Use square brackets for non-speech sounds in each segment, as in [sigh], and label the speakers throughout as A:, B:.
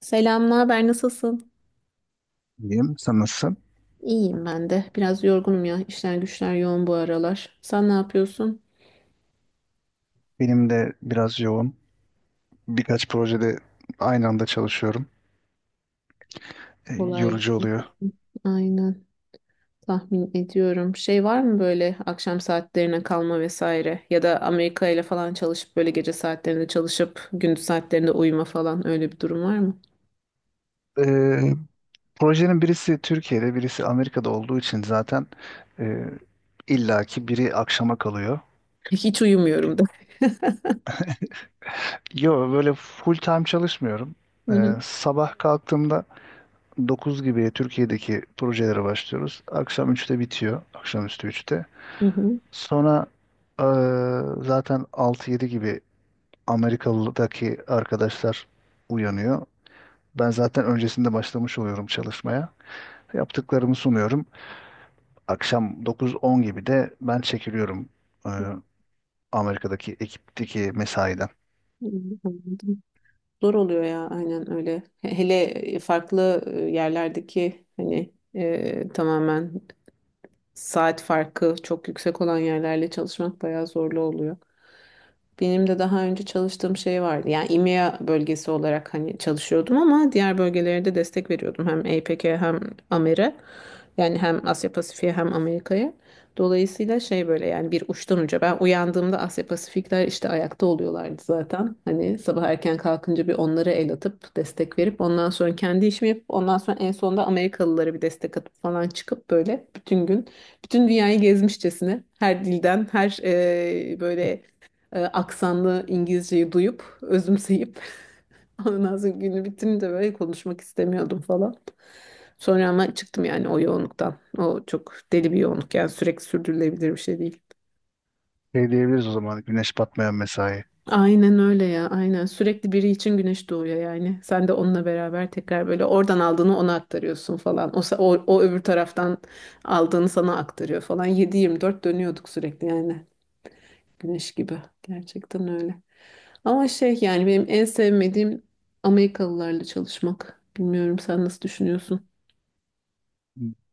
A: Selam, ne haber? Nasılsın?
B: İyiyim. Sen nasılsın?
A: İyiyim ben de. Biraz yorgunum ya. İşler güçler yoğun bu aralar. Sen ne yapıyorsun?
B: Benim de biraz yoğun. Birkaç projede aynı anda çalışıyorum.
A: Kolay
B: Yorucu
A: gelsin.
B: oluyor.
A: Aynen. Tahmin ediyorum. Şey var mı böyle akşam saatlerine kalma vesaire? Ya da Amerika ile falan çalışıp böyle gece saatlerinde çalışıp gündüz saatlerinde uyuma falan öyle bir durum var mı?
B: E, Projenin birisi Türkiye'de, birisi Amerika'da olduğu için zaten e, illaki biri akşama kalıyor.
A: [laughs] Hiç uyumuyorum
B: Bir-
A: da.
B: Yo, böyle full time çalışmıyorum.
A: Hı hı.
B: Sabah kalktığımda 9 gibi Türkiye'deki projelere başlıyoruz. Akşam üçte bitiyor. Akşamüstü üçte.
A: [laughs] Hı hı.
B: Sonra e, zaten altı yedi gibi Amerikalı'daki arkadaşlar uyanıyor. Ben zaten öncesinde başlamış oluyorum çalışmaya. Yaptıklarımı sunuyorum. Akşam 9-10 gibi de ben çekiliyorum e, Amerika'daki ekipteki mesaiden.
A: Anladım. Zor oluyor ya aynen öyle. Hele farklı yerlerdeki hani tamamen saat farkı çok yüksek olan yerlerle çalışmak bayağı zorlu oluyor. Benim de daha önce çalıştığım şey vardı. Yani İMEA bölgesi olarak hani çalışıyordum ama diğer bölgelere de destek veriyordum. Hem APEC'e hem AMER'e. Yani hem Asya Pasifik'e hem Amerika'ya. Dolayısıyla şey böyle yani bir uçtan uca. Ben uyandığımda Asya Pasifikler işte ayakta oluyorlardı zaten. Hani sabah erken kalkınca bir onlara el atıp destek verip ondan sonra kendi işimi yapıp ondan sonra en sonunda Amerikalılara bir destek atıp falan çıkıp böyle bütün gün bütün dünyayı gezmişçesine her dilden, her böyle aksanlı İngilizceyi duyup, özümseyip [laughs] ondan sonra günü bitince böyle konuşmak istemiyordum falan. Sonra ama çıktım yani o yoğunluktan. O çok deli bir yoğunluk yani sürekli sürdürülebilir bir şey değil.
B: Şey diyebiliriz o zaman, güneş batmayan mesai.
A: Aynen öyle ya aynen sürekli biri için güneş doğuyor yani sen de onunla beraber tekrar böyle oradan aldığını ona aktarıyorsun falan o öbür taraftan aldığını sana aktarıyor falan 7-24 dönüyorduk sürekli yani Güneş gibi. Gerçekten öyle. Ama şey yani benim en sevmediğim Amerikalılarla çalışmak. Bilmiyorum sen nasıl düşünüyorsun?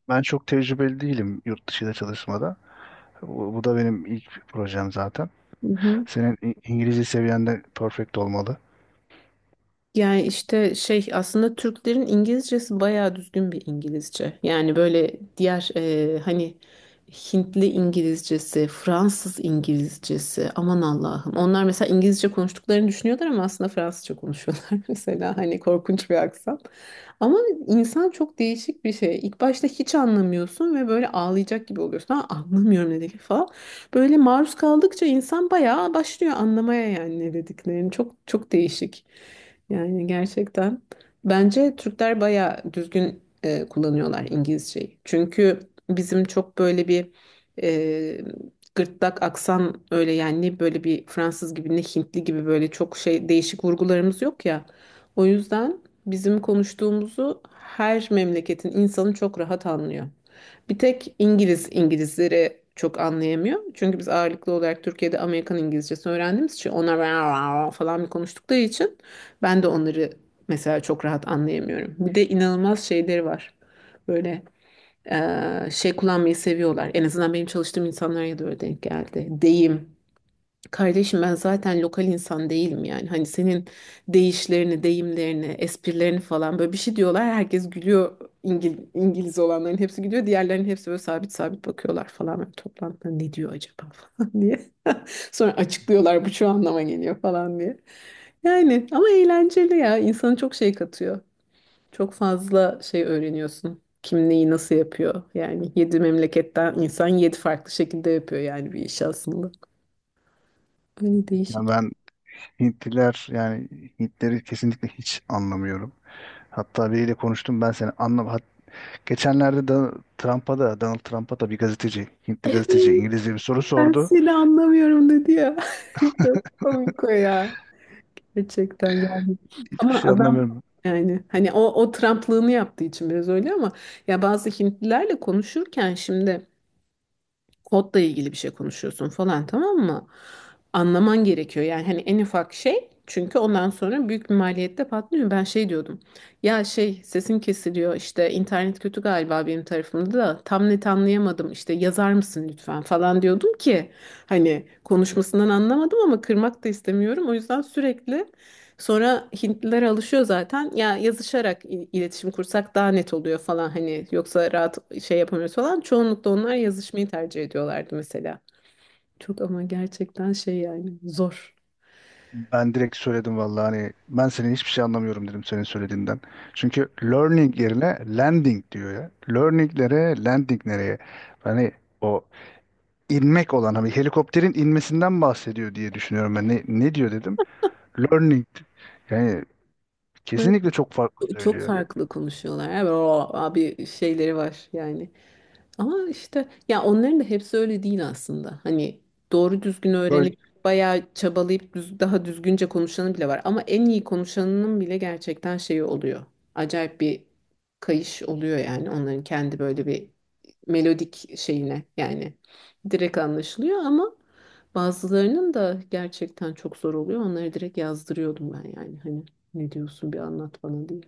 B: Ben çok tecrübeli değilim yurt dışında çalışmada. Bu da benim ilk projem zaten.
A: Mhm.
B: Senin İngilizce seviyen de perfect olmalı.
A: Yani işte şey aslında Türklerin İngilizcesi bayağı düzgün bir İngilizce. Yani böyle diğer hani Hintli İngilizcesi, Fransız İngilizcesi aman Allah'ım. Onlar mesela İngilizce konuştuklarını düşünüyorlar ama aslında Fransızca konuşuyorlar [laughs] mesela hani korkunç bir aksan. Ama insan çok değişik bir şey. İlk başta hiç anlamıyorsun ve böyle ağlayacak gibi oluyorsun. Ha, anlamıyorum ne dedik falan. Böyle maruz kaldıkça insan bayağı başlıyor anlamaya yani ne dediklerini. Çok çok değişik. Yani gerçekten bence Türkler bayağı düzgün kullanıyorlar İngilizceyi. Çünkü bizim çok böyle bir e, gırtlak aksan öyle yani ne böyle bir Fransız gibi ne Hintli gibi böyle çok şey değişik vurgularımız yok ya. O yüzden bizim konuştuğumuzu her memleketin insanı çok rahat anlıyor. Bir tek İngiliz İngilizleri çok anlayamıyor. Çünkü biz ağırlıklı olarak Türkiye'de Amerikan İngilizcesi öğrendiğimiz için onlar [laughs] falan bir konuştukları için ben de onları mesela çok rahat anlayamıyorum. Bir de inanılmaz şeyleri var. Böyle şey kullanmayı seviyorlar. En azından benim çalıştığım insanlara da öyle denk geldi. Deyim. Kardeşim ben zaten lokal insan değilim yani. Hani senin deyişlerini, deyimlerini, esprilerini falan böyle bir şey diyorlar. Herkes gülüyor. İngiliz olanların hepsi gülüyor. Diğerlerinin hepsi böyle sabit sabit bakıyorlar falan. Böyle toplantıda ne diyor acaba [laughs] falan diye. [laughs] Sonra açıklıyorlar bu şu anlama geliyor falan diye. Yani ama eğlenceli ya. İnsana çok şey katıyor. Çok fazla şey öğreniyorsun. Kim neyi nasıl yapıyor? Yani yedi memleketten insan yedi farklı şekilde yapıyor yani bir iş aslında. Öyle
B: Yani
A: değişik.
B: ben Hintliler, yani Hintleri kesinlikle hiç anlamıyorum. Hatta biriyle konuştum, ben seni Geçenlerde da Trump'a da, Donald Trump'a da bir gazeteci, Hintli
A: Evet,
B: gazeteci İngilizce bir soru
A: ben
B: sordu.
A: seni anlamıyorum dedi ya. [laughs] Çok komik o ya. Gerçekten yani.
B: Hiçbir
A: Ama
B: şey
A: adam
B: anlamıyorum.
A: yani hani o Trumplığını yaptığı için biraz öyle ama ya bazı Hintlilerle konuşurken şimdi kodla ilgili bir şey konuşuyorsun falan tamam mı? Anlaman gerekiyor yani hani en ufak şey çünkü ondan sonra büyük bir maliyette patlıyor. Ben şey diyordum ya şey sesim kesiliyor işte internet kötü galiba benim tarafımda da tam net anlayamadım işte yazar mısın lütfen falan diyordum ki hani konuşmasından anlamadım ama kırmak da istemiyorum o yüzden sürekli. Sonra Hintliler alışıyor zaten. Ya yazışarak iletişim kursak daha net oluyor falan hani yoksa rahat şey yapamıyoruz falan. Çoğunlukla onlar yazışmayı tercih ediyorlardı mesela. Çok ama gerçekten şey yani zor.
B: Ben direkt söyledim vallahi, hani ben senin hiçbir şey anlamıyorum dedim senin söylediğinden. Çünkü learning yerine landing diyor ya. Learning nereye, landing nereye? Hani o inmek olan, hani helikopterin inmesinden bahsediyor diye düşünüyorum ben. Ne, ne diyor dedim? Learning. Yani
A: Evet,
B: kesinlikle çok farklı
A: çok
B: söylüyor.
A: farklı konuşuyorlar. Evet, o abi şeyleri var yani. Ama işte ya onların da hepsi öyle değil aslında. Hani doğru düzgün
B: Böyle
A: öğrenip bayağı çabalayıp düz, daha düzgünce konuşanı bile var. Ama en iyi konuşanının bile gerçekten şeyi oluyor. Acayip bir kayış oluyor yani onların kendi böyle bir melodik şeyine yani direkt anlaşılıyor ama bazılarının da gerçekten çok zor oluyor. Onları direkt yazdırıyordum ben yani hani ne diyorsun bir anlat bana diye.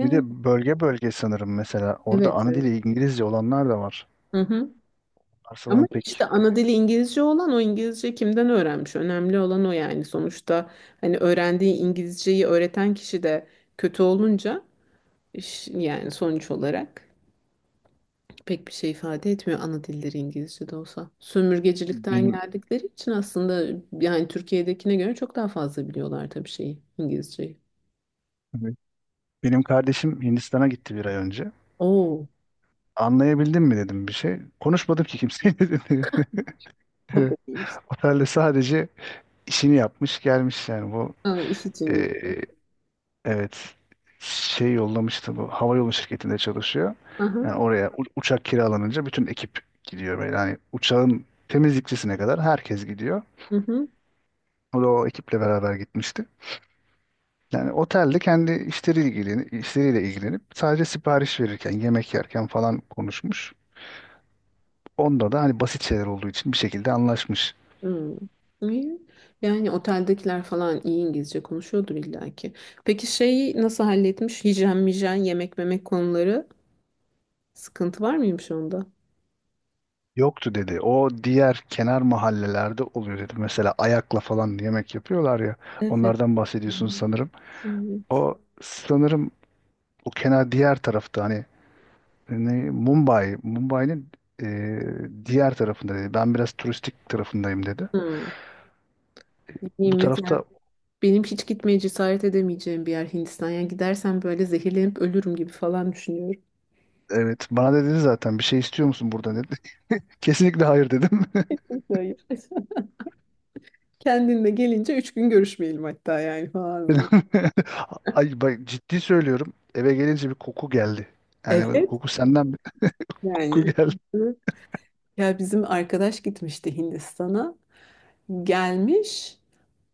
B: bir de bölge bölge sanırım mesela. Orada
A: evet,
B: ana
A: evet.
B: dili İngilizce olanlar da var.
A: Hı hı.
B: Onlar
A: Ama
B: sanırım pek
A: işte ana dili İngilizce olan o İngilizce kimden öğrenmiş? Önemli olan o yani sonuçta hani öğrendiği İngilizceyi öğreten kişi de kötü olunca yani sonuç olarak pek bir şey ifade etmiyor ana dilleri İngilizce de olsa. Sömürgecilikten
B: benim,
A: geldikleri için aslında yani Türkiye'dekine göre çok daha fazla biliyorlar tabii şeyi İngilizceyi.
B: evet, benim kardeşim Hindistan'a gitti bir ay önce.
A: Oo,
B: Anlayabildin mi dedim bir şey. Konuşmadım ki kimseyle [laughs] dedi.
A: o da iyiymiş.
B: Otelde sadece işini yapmış gelmiş yani. Bu
A: Ha, iş için
B: e,
A: gitti.
B: evet, şey yollamıştı, bu hava yolu şirketinde çalışıyor.
A: Aha,
B: Yani oraya uçak kiralanınca bütün ekip gidiyor böyle. Yani uçağın temizlikçisine kadar herkes gidiyor.
A: hı hı.
B: O da o ekiple beraber gitmişti. Yani otelde kendi işleriyle ilgilenip, işleriyle ilgilenip sadece sipariş verirken, yemek yerken falan konuşmuş. Onda da hani basit şeyler olduğu için bir şekilde anlaşmış.
A: Hmm, iyi. Yani oteldekiler falan iyi İngilizce konuşuyordur illaki. Peki şeyi nasıl halletmiş? Hijyen, mijen, yemek, memek konuları sıkıntı var mıymış onda?
B: Yoktu dedi. O diğer kenar mahallelerde oluyor dedi. Mesela ayakla falan yemek yapıyorlar ya.
A: Evet.
B: Onlardan bahsediyorsunuz
A: Hmm.
B: sanırım. O sanırım o kenar diğer tarafta, hani ne, Mumbai, Mumbai'nin e, diğer tarafında dedi. Ben biraz turistik tarafındayım dedi.
A: Hmm. Ne
B: Bu
A: bileyim mesela
B: tarafta
A: benim hiç gitmeye cesaret edemeyeceğim bir yer Hindistan. Yani gidersem böyle zehirlenip ölürüm gibi falan düşünüyorum.
B: evet, bana da dedi zaten, bir şey istiyor musun burada? Kesinlikle hayır dedim.
A: Yok, hayır. [laughs] Kendinle gelince üç gün görüşmeyelim hatta yani falan böyle.
B: [laughs] Ay bak, ciddi söylüyorum. Eve gelince bir koku geldi. Yani bu
A: Evet.
B: koku senden bir [laughs] koku
A: Yani.
B: geldi.
A: Ya bizim arkadaş gitmişti Hindistan'a. Gelmiş,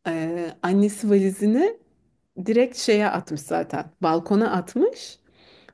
A: annesi valizini direkt şeye atmış zaten. Balkona atmış.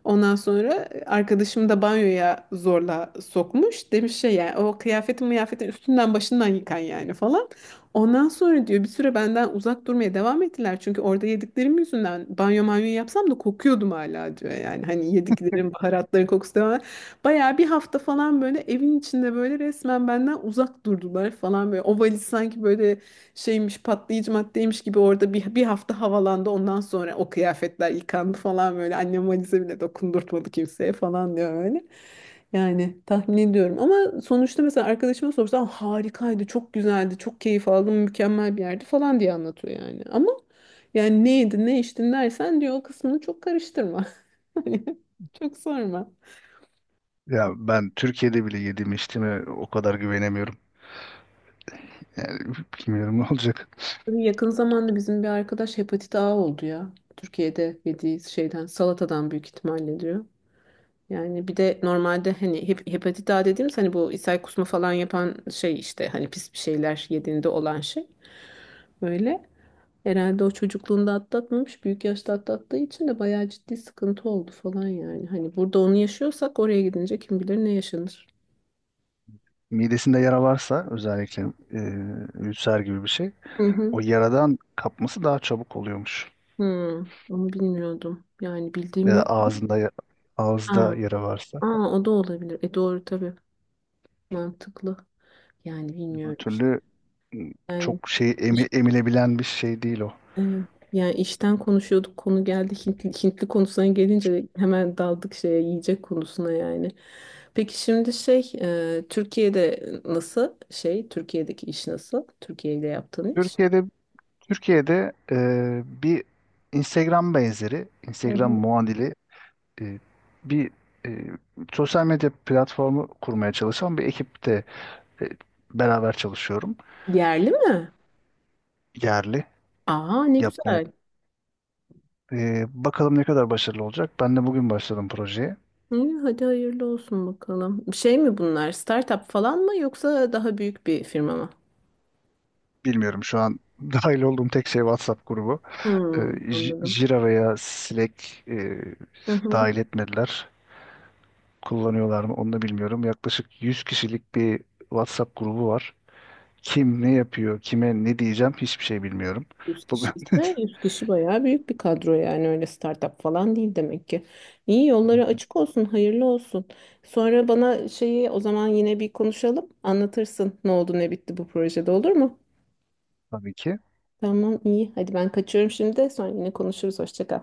A: Ondan sonra arkadaşım da banyoya zorla sokmuş. Demiş şey yani o kıyafetin mıyafetin üstünden başından yıkan yani falan. Ondan sonra diyor bir süre benden uzak durmaya devam ettiler. Çünkü orada yediklerim yüzünden banyo manyo yapsam da kokuyordum hala diyor. Yani hani yediklerim baharatların kokusu devam. Bayağı bir hafta falan böyle evin içinde böyle resmen benden uzak durdular falan böyle. O valiz sanki böyle şeymiş patlayıcı maddeymiş gibi orada bir hafta havalandı ondan sonra o kıyafetler yıkandı falan böyle annem valize bile dokundurtmadı kimseye falan diyor öyle. Yani tahmin ediyorum ama sonuçta mesela arkadaşıma sorsam harikaydı çok güzeldi çok keyif aldım mükemmel bir yerdi falan diye anlatıyor yani ama yani ne yedin ne içtin dersen diyor o kısmını çok karıştırma. [laughs] Hani çok sorma.
B: Ya ben Türkiye'de bile yediğime içtiğime o kadar güvenemiyorum. Yani [laughs] bilmiyorum ne olacak.
A: Tabii. Yakın zamanda bizim bir arkadaş hepatit A oldu ya Türkiye'de yediği şeyden salatadan büyük ihtimalle diyor. Yani bir de normalde hani hepatit A dediğimiz hani bu ishal kusma falan yapan şey işte hani pis bir şeyler yediğinde olan şey. Böyle herhalde o çocukluğunda atlatmamış büyük yaşta atlattığı için de bayağı ciddi sıkıntı oldu falan yani. Hani burada onu yaşıyorsak oraya gidince kim bilir ne yaşanır.
B: Midesinde yara varsa özellikle, e, ülser gibi bir şey.
A: Hı hı.
B: O yaradan kapması daha çabuk oluyormuş.
A: Hı, onu bilmiyordum. Yani bildiğim
B: Ya da
A: yok.
B: ağzında
A: Ha,
B: ağızda yara varsa.
A: aa, o da olabilir. E doğru tabii mantıklı. Yani
B: Öbür
A: bilmiyorum işte.
B: türlü m,
A: Yani
B: çok şey emilebilen bir şey değil o.
A: evet. Yani işten konuşuyorduk konu geldi Hintli konusuna gelince hemen daldık şeye yiyecek konusuna yani. Peki şimdi şey Türkiye'de nasıl şey Türkiye'deki iş nasıl? Türkiye ile yaptığın iş.
B: Türkiye'de Türkiye'de bir Instagram benzeri,
A: Hı
B: Instagram
A: hı.
B: muadili, e, bir e, sosyal medya platformu kurmaya çalışan bir ekipte e, beraber çalışıyorum.
A: Yerli mi?
B: Yerli
A: Aa ne
B: yapmaya.
A: güzel.
B: Bakalım ne kadar başarılı olacak. Ben de bugün başladım projeye.
A: Hı, hadi hayırlı olsun bakalım. Şey mi bunlar startup falan mı yoksa daha büyük bir firma mı?
B: Bilmiyorum, şu an [laughs] dahil olduğum tek şey WhatsApp grubu.
A: Hmm, anladım.
B: Jira veya Slack e, dahil etmediler. Kullanıyorlar mı onu da bilmiyorum. Yaklaşık 100 kişilik bir WhatsApp grubu var. Kim ne yapıyor, kime ne diyeceğim hiçbir şey bilmiyorum.
A: 100
B: Bugün
A: kişi
B: [laughs]
A: ise 100 kişi bayağı büyük bir kadro yani öyle startup falan değil demek ki. İyi yolları açık olsun, hayırlı olsun. Sonra bana şeyi o zaman yine bir konuşalım. Anlatırsın ne oldu ne bitti bu projede olur mu?
B: tabii ki.
A: Tamam iyi. Hadi ben kaçıyorum şimdi. Sonra yine konuşuruz. Hoşça kal.